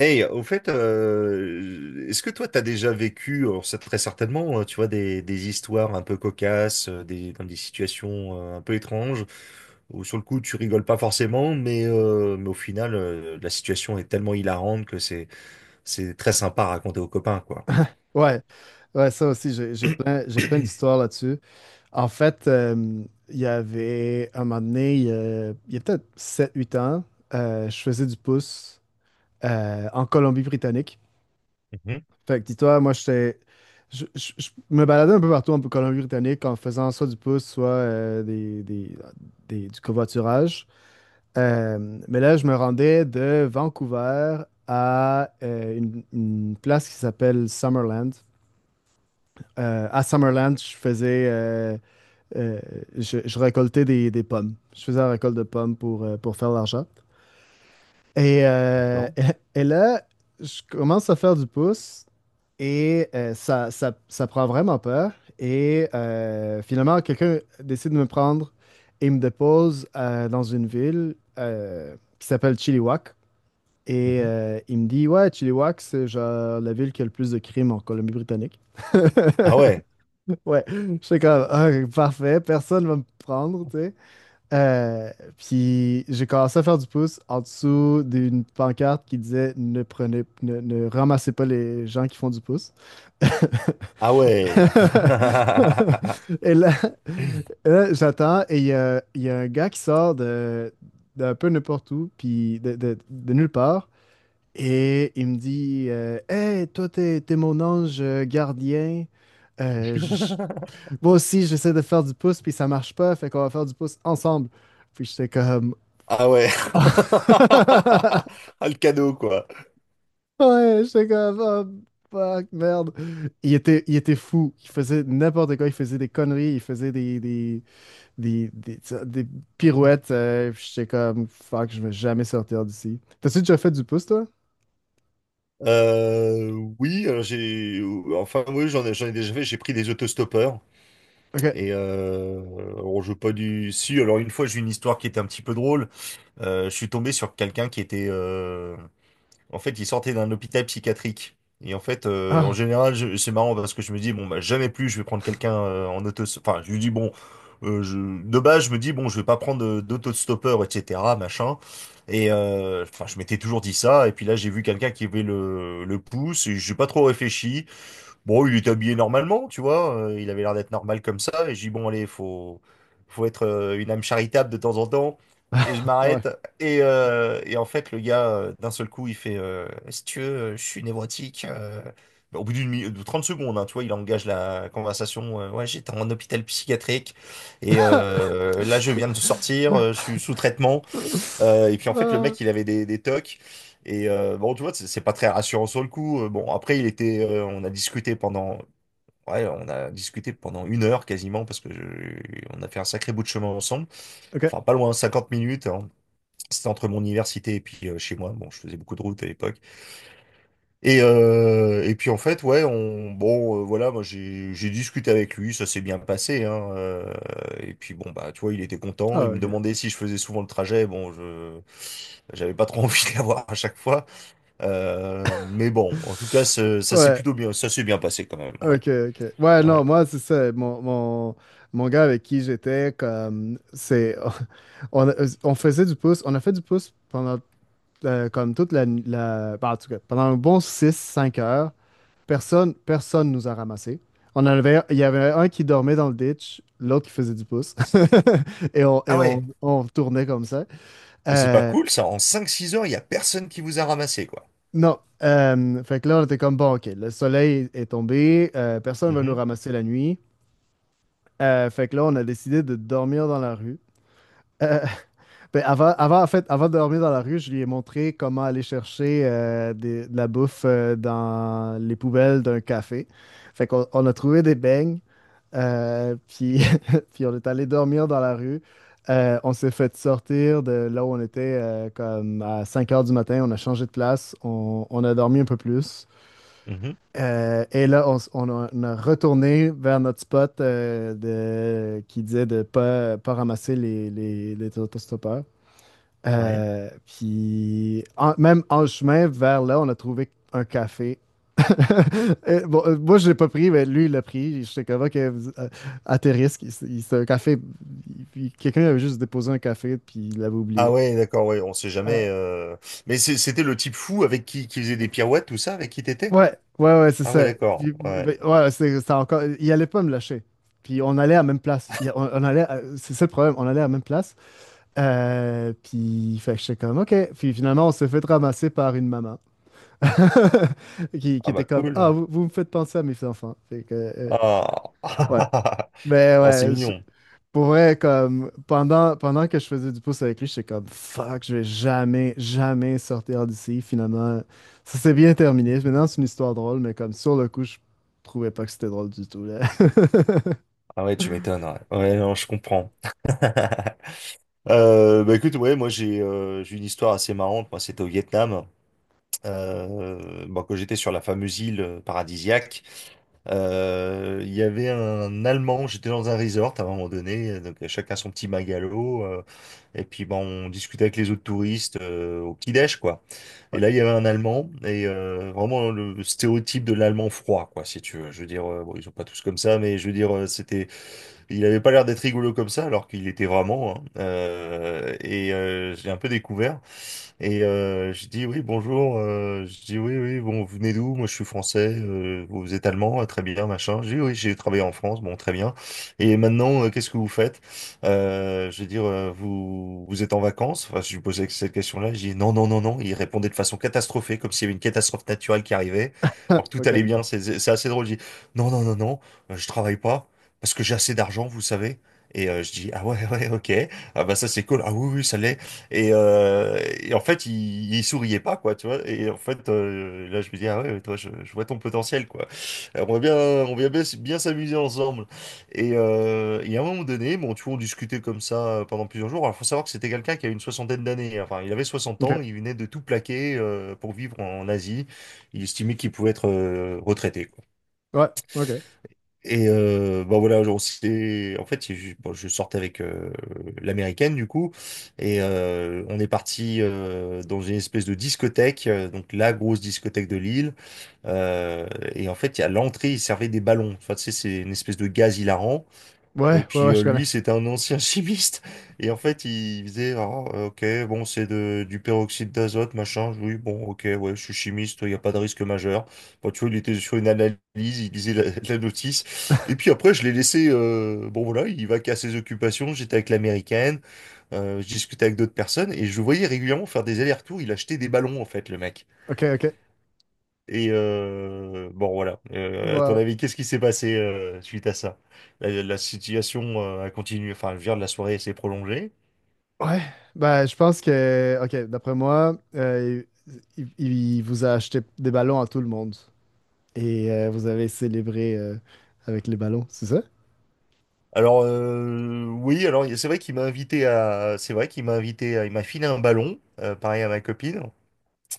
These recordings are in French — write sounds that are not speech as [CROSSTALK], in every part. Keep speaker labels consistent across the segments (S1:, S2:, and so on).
S1: Hey, au fait, est-ce que toi, t'as déjà vécu, alors ça très certainement, tu vois, des histoires un peu cocasses, dans des situations un peu étranges, où sur le coup, tu rigoles pas forcément, mais au final, la situation est tellement hilarante que c'est très sympa à raconter aux copains, quoi.
S2: Ouais, ouais, ça aussi, j'ai plein d'histoires là-dessus. En fait, il y avait un moment donné, il y a peut-être sept huit ans, je faisais du pouce en Colombie-Britannique.
S1: Mhm.
S2: Fait que dis-toi, moi, j'étais, je me baladais un peu partout en Colombie-Britannique en faisant soit du pouce, soit du covoiturage. Mais là, je me rendais de Vancouver à une place qui s'appelle Summerland. À Summerland, je faisais, euh, je récoltais des pommes. Je faisais la récolte de pommes pour faire de l'argent. Et,
S1: D'accord.
S2: [LAUGHS] et là, je commence à faire du pouce et ça prend vraiment peur. Et finalement, quelqu'un décide de me prendre et me dépose dans une ville qui s'appelle Chilliwack. Et
S1: Mhm.
S2: il me dit, ouais, Chilliwack, c'est genre la ville qui a le plus de crimes en Colombie-Britannique.
S1: Ah ouais,
S2: [LAUGHS] Ouais, j'étais comme, ah, parfait, personne va me prendre, tu sais. Euh, Puis j'ai commencé à faire du pouce en dessous d'une pancarte qui disait ne prenez, ne, ne ramassez pas les gens qui font du pouce. [LAUGHS]
S1: ah ouais. [LAUGHS]
S2: Et là, là, j'attends et il y a un gars qui sort de, d'un peu n'importe où, puis de nulle part, et il me dit hey, toi, t'es mon ange gardien. Euh, je, Moi aussi, j'essaie de faire du pouce, puis ça marche pas, fait qu'on va faire du pouce ensemble. Puis j'étais comme.
S1: Ah ouais. [LAUGHS]
S2: [LAUGHS]
S1: Ah, le cadeau, quoi.
S2: Ouais, j'étais comme. Oh, fuck, merde. Il était fou. Il faisait n'importe quoi. Il faisait des conneries. Il faisait des, des, des pirouettes. Puis j'étais comme. Fuck, je vais jamais sortir d'ici. T'as-tu déjà fait du pouce, toi?
S1: Euh, oui, j'ai enfin oui, j'en ai déjà fait. J'ai pris des autostoppeurs
S2: Ok.
S1: et alors je veux pas du si. Alors une fois, j'ai une histoire qui était un petit peu drôle. Je suis tombé sur quelqu'un qui était en fait, il sortait d'un hôpital psychiatrique. Et en fait, en
S2: Ah,
S1: général, c'est marrant parce que je me dis, bon, bah, jamais plus, je vais prendre quelqu'un en auto... Enfin, je lui dis, bon, je... de base, je me dis, bon, je vais pas prendre d'auto-stoppeur, etc., machin. Et enfin, je m'étais toujours dit ça. Et puis là, j'ai vu quelqu'un qui avait le pouce et j'ai pas trop réfléchi. Bon, il était habillé normalement, tu vois, il avait l'air d'être normal comme ça, et j'ai dit, bon, allez, faut être une âme charitable de temps en temps, et je m'arrête,
S2: ouais.
S1: et en fait, le gars, d'un seul coup, il fait, si tu veux, je suis névrotique. Au bout d'une de 30 secondes, hein, tu vois, il engage la conversation, ouais, j'étais en hôpital psychiatrique, là, je viens de sortir, je suis sous traitement,
S2: [LAUGHS]
S1: et puis en fait, le
S2: Ah,
S1: mec, il avait des tocs. Et bon, tu vois, c'est pas très rassurant sur le coup. Bon, après, on a discuté ouais, on a discuté pendant une heure quasiment parce que on a fait un sacré bout de chemin ensemble.
S2: ok.
S1: Enfin, pas loin, 50 minutes. Hein. C'était entre mon université et puis chez moi. Bon, je faisais beaucoup de route à l'époque. Et puis en fait, ouais, on, bon, voilà, moi j'ai discuté avec lui, ça s'est bien passé, hein, et puis bon, bah, tu vois, il était content,
S2: Ah,
S1: il me
S2: ok.
S1: demandait si je faisais souvent le trajet, bon, je j'avais pas trop [LAUGHS] envie de l'avoir à chaque fois, mais bon, en tout cas,
S2: Ouais,
S1: ça s'est bien passé quand même, ouais,
S2: ok, ok. Ouais,
S1: ouais.
S2: non, moi, c'est ça. Mon gars avec qui j'étais, comme, c'est. [LAUGHS] On, on faisait du pouce. On a fait du pouce pendant, comme toute la, la. Ben, en tout cas, pendant un bon six cinq heures. Personne nous a ramassés. On en avait, il y avait un qui dormait dans le ditch, l'autre qui faisait du pouce. [LAUGHS] Et
S1: Ah ouais.
S2: on tournait comme ça.
S1: Mais c'est pas
S2: Euh,
S1: cool, ça, en cinq six heures, il y a personne qui vous a ramassé, quoi.
S2: Non. Fait que là, on était comme, bon, ok, le soleil est tombé, personne ne va nous
S1: Mhm,
S2: ramasser la nuit. Fait que là, on a décidé de dormir dans la rue. Euh, [LAUGHS] ben, avant, en fait, avant de dormir dans la rue, je lui ai montré comment aller chercher de la bouffe dans les poubelles d'un café. Fait qu'on on a trouvé des beignes, puis, [LAUGHS] puis on est allé dormir dans la rue. On s'est fait sortir de là où on était comme à 5 heures du matin. On a changé de place. On a dormi un peu plus.
S1: mhm,
S2: Et là, on a retourné vers notre spot qui disait de ne pas, pas ramasser les autostoppeurs.
S1: ouais.
S2: Puis, en- même en chemin vers là, on a trouvé un café. [LAUGHS] Et bon, moi, je l'ai pas pris, mais lui, il l'a pris. Je sais comment que, à tes risques, c'est un café. Quelqu'un avait juste déposé un café, puis il l'avait
S1: Ah
S2: oublié.
S1: ouais, d'accord, ouais, on sait
S2: Euh,
S1: jamais, mais c'était le type fou avec qui faisait des pirouettes, tout ça, avec qui t'étais?
S2: Ouais, ouais, ouais, c'est
S1: Ah ouais,
S2: ça.
S1: d'accord.
S2: Puis,
S1: Ouais.
S2: ben, ouais, c'est encore. Il allait pas me lâcher. Puis on allait à la même place. On allait à- C'est ça le problème, on allait à la même place. Puis fait que j'étais comme ok. Puis finalement, on s'est fait ramasser par une maman [LAUGHS] qui
S1: Ah bah
S2: était comme ah,
S1: cool.
S2: vous me faites penser à mes enfants. Fait que,
S1: Ah.
S2: ouais.
S1: [LAUGHS]
S2: Mais
S1: Oh, c'est
S2: ouais,
S1: mignon.
S2: pour vrai, comme pendant que je faisais du pouce avec lui, j'étais comme fuck, je vais jamais sortir d'ici. Finalement, ça s'est bien terminé. Maintenant, c'est une histoire drôle, mais comme sur le coup, je trouvais pas que c'était drôle du tout, là. [LAUGHS]
S1: Ah ouais, tu m'étonnes. Ouais. Ouais, non, je comprends. Bah écoute, ouais, moi j'ai une histoire assez marrante. Moi, c'était au Vietnam. Bon, quand j'étais sur la fameuse île paradisiaque, il y avait un Allemand, j'étais dans un resort à un moment donné, donc chacun son petit magalo, et puis bon, on discutait avec les autres touristes au petit-déj, quoi. Et
S2: Ouais.
S1: là, il y avait un Allemand, vraiment le stéréotype de l'Allemand froid, quoi, si tu veux. Je veux dire, bon, ils sont pas tous comme ça, mais je veux dire, il avait pas l'air d'être rigolo comme ça, alors qu'il était vraiment, hein. J'ai un peu découvert. Et je dis oui, bonjour. Je dis oui, bon, vous venez d'où? Moi, je suis français. Vous êtes allemand? Ah, très bien, machin. Je dis oui, j'ai travaillé en France. Bon, très bien. Et maintenant, qu'est-ce que vous faites? Je veux dire, vous êtes en vacances? Enfin, je lui posais cette question-là. Je dis non, non, non, non. Il répondait de façon catastrophée, comme s'il y avait une catastrophe naturelle qui arrivait.
S2: Ah,
S1: Alors que tout
S2: ok.
S1: allait bien. C'est assez drôle. Je dis non, non, non, non. Je travaille pas parce que j'ai assez d'argent, vous savez. Et je dis ah ouais, ouais, ok. Ah bah ça c'est cool. Ah oui, oui, ça l'est. Et en fait, il souriait pas, quoi, tu vois. Et en fait, là, je me dis, ah ouais, toi, je vois ton potentiel, quoi. On va bien, bien s'amuser ensemble. Et à un moment donné, bon, tu vois, on discutait comme ça pendant plusieurs jours. Alors, faut savoir que c'était quelqu'un qui a une soixantaine d'années. Hein. Enfin, il avait 60 ans,
S2: Ok.
S1: il venait de tout plaquer pour vivre en Asie. Il estimait qu'il pouvait être retraité.
S2: Ouais. Ok.
S1: Et bah voilà, en fait, je, bon, je sortais avec l'américaine du coup, et on est parti dans une espèce de discothèque, donc la grosse discothèque de Lille. Euh, et en fait, à l'entrée, ils servaient des ballons. Enfin, tu sais, c'est une espèce de gaz hilarant. Et
S2: Ouais. Ouais.
S1: puis
S2: Ouais. Je connais.
S1: lui, c'était un ancien [LAUGHS] chimiste. Et en fait, il faisait, ah, ok, bon, c'est du peroxyde d'azote, machin. Oui, bon, ok, ouais, je suis chimiste, il n'y a pas de risque majeur. Bon, tu vois, il était sur une analyse, il lisait [LAUGHS] la notice. Et puis
S2: [LAUGHS]
S1: après, je l'ai laissé, bon voilà, il va qu'à ses occupations. J'étais avec l'américaine, je discutais avec d'autres personnes et je le voyais régulièrement faire des allers-retours. Il achetait des ballons, en fait, le mec.
S2: Ok. Ok.
S1: Et bon, voilà. À ton
S2: Wow.
S1: avis, qu'est-ce qui s'est passé suite à ça? La situation a continué, enfin, je veux dire, la soirée s'est prolongée.
S2: Ouais. Ben, je pense que. Ok. D'après moi, il vous a acheté des ballons à tout le monde et vous avez célébré avec les ballons, c'est ça?
S1: Alors, oui, c'est vrai qu'il m'a invité à, il m'a filé un ballon, pareil à ma copine.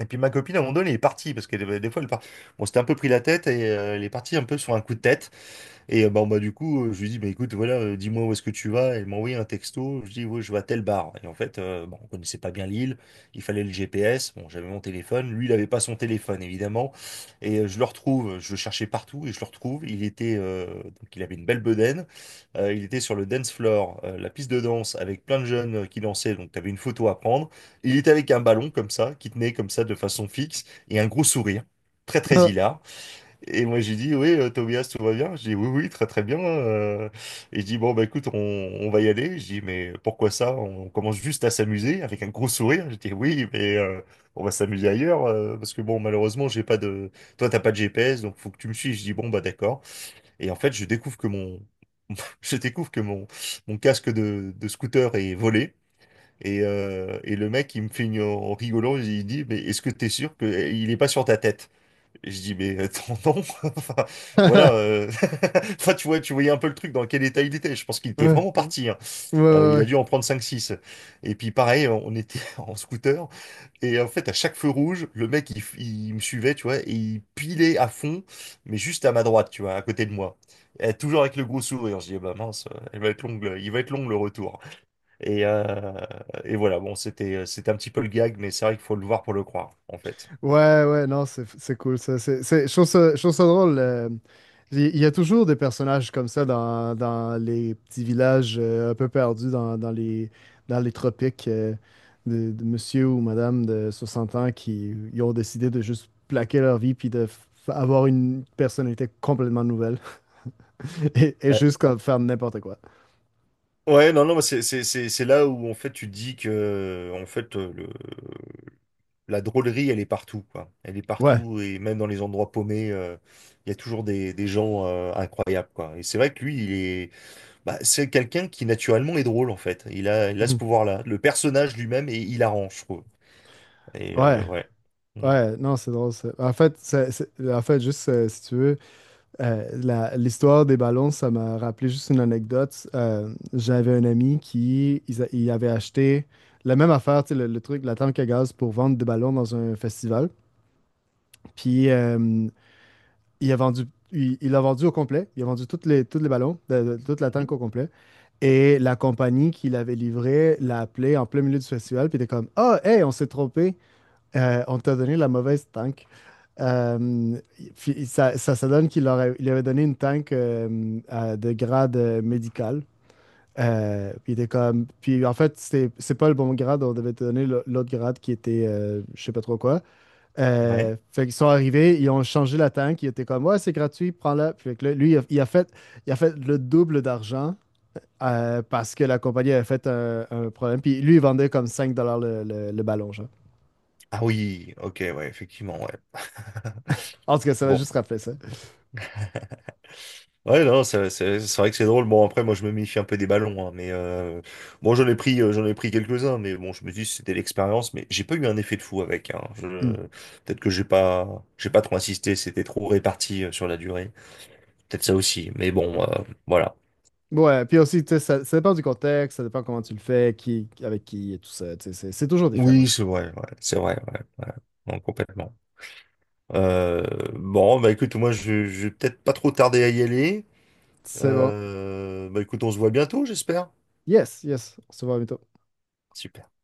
S1: Et puis ma copine, à un moment donné, elle est partie parce que des fois, elle part... bon, c'était un peu pris la tête et elle est partie un peu sur un coup de tête. Et bon, bah, du coup, je lui dis, bah, écoute, voilà, dis-moi où est-ce que tu vas. Elle m'a envoyé un texto. Je dis, ouais, je vais à tel bar. Et en fait, bon, on connaissait pas bien l'île. Il fallait le GPS. Bon, j'avais mon téléphone. Lui, il avait pas son téléphone, évidemment. Et je le retrouve. Je le cherchais partout et je le retrouve. Il était, donc, il avait une belle bedaine. Il était sur le dance floor, la piste de danse, avec plein de jeunes qui dansaient. Donc, tu avais une photo à prendre. Il était avec un ballon comme ça, qui tenait comme ça de façon fixe et un gros sourire. Très, très hilar. Et moi, j'ai dit, oui, Tobias, tout va bien? J'ai dit, oui, oui, très, très bien. Et je dis, bon, bah, écoute, on va y aller. Je dis, mais pourquoi ça? On commence juste à s'amuser avec un gros sourire. Je dis, oui, mais on va s'amuser ailleurs. Parce que, bon, malheureusement, j'ai pas de. Toi, t'as pas de GPS, donc faut que tu me suives. Je dis, bon, bah, d'accord. Et en fait, je découvre que mon. [LAUGHS] Je découvre que mon casque de scooter est volé. Et le mec, il me fait une, en rigolant, il dit, mais est-ce que t'es sûr qu'il est pas sur ta tête? Et je dis, mais attends, non. [LAUGHS] Enfin, voilà.
S2: [LAUGHS]
S1: [LAUGHS] Enfin, tu vois, tu voyais un peu le truc dans quel état il était. Je pense qu'il était
S2: Ouais,
S1: vraiment parti. Hein.
S2: ouais,
S1: Il
S2: ouais,
S1: a dû en prendre cinq six. Et puis, pareil, on était [LAUGHS] en scooter. Et en fait, à chaque feu rouge, le mec, il me suivait, tu vois, et il pilait à fond, mais juste à ma droite, tu vois, à côté de moi. Et toujours avec le gros sourire. Je dis, eh bah mince, elle va être longue, il va être long le retour. Et, euh, et voilà, bon, c'était, c'était un petit peu le gag, mais c'est vrai qu'il faut le voir pour le croire, en fait.
S2: ouais, ouais, non, c'est cool ça. C'est, je trouve ça, Je trouve ça drôle. Il y a toujours des personnages comme ça dans les petits villages un peu perdus dans les tropiques de monsieur ou madame de 60 ans qui ils ont décidé de juste plaquer leur vie puis de f- avoir une personnalité complètement nouvelle [LAUGHS] et
S1: Euh,
S2: juste comme faire n'importe quoi.
S1: Ouais, non, non, mais c'est là où en fait tu dis que en fait la drôlerie elle est partout quoi. Elle est
S2: Ouais.
S1: partout et même dans les endroits paumés, il y a toujours des gens incroyables quoi. Et c'est vrai que lui, il est bah, c'est quelqu'un qui naturellement est drôle en fait.
S2: [LAUGHS]
S1: Il a ce
S2: Mhm.
S1: pouvoir-là. Le personnage lui-même est hilarant, je trouve. Et
S2: Ouais.
S1: ouais. Mm.
S2: Ouais. Non, c'est drôle. Ça. En fait, c'est- en fait, juste si tu veux. La- l'histoire des ballons, ça m'a rappelé juste une anecdote. J'avais un ami qui ils a- il avait acheté la même affaire, tu sais, le truc, la tank à gaz pour vendre des ballons dans un festival. Puis il a vendu, il l'a vendu au complet. Il a vendu toutes les, tous les ballons, toute la tank
S1: Mhm.
S2: au complet. Et la compagnie qui l'avait livré l'a appelé en plein milieu du festival. Puis il était comme, ah, hey, on s'est trompé. On t'a donné la mauvaise tank. Euh, Puis ça donne qu'il aurait, il avait donné une tank de grade médical. Puis il était comme. Puis en fait, c'est pas le bon grade, on devait te donner le- l'autre grade qui était je sais pas trop quoi.
S1: Ouais.
S2: Fait qu'ils sont arrivés, ils ont changé la tank, ils étaient comme ouais, c'est gratuit, prends-la. Puis fait que là, lui, il a fait le double d'argent parce que la compagnie avait fait un problème. Puis lui, il vendait comme 5$ le ballon, genre.
S1: Ah oui, ok, ouais, effectivement, ouais.
S2: En tout cas, ça m'a
S1: Bon.
S2: juste rappelé ça.
S1: Ouais, non, c'est vrai que c'est drôle. Bon, après, moi, je me méfie un peu des ballons, hein, mais bon, j'en ai pris quelques-uns, mais bon, je me dis, c'était l'expérience, mais j'ai pas eu un effet de fou avec. Hein.
S2: Hmm.
S1: Peut-être que j'ai pas trop insisté, c'était trop réparti sur la durée. Peut-être ça aussi, mais bon, voilà.
S2: Ouais, puis aussi, tu sais, ça dépend du contexte, ça dépend comment tu le fais, qui, avec qui et tout ça, tu sais, c'est toujours différent.
S1: Oui,
S2: Tu sais.
S1: c'est vrai, ouais, ouais. Non, complètement. Euh, bon, bah écoute, moi, je vais peut-être pas trop tarder à y aller.
S2: C'est bon.
S1: Bah écoute, on se voit bientôt, j'espère.
S2: Yes, yes, on se voit bientôt.
S1: Super.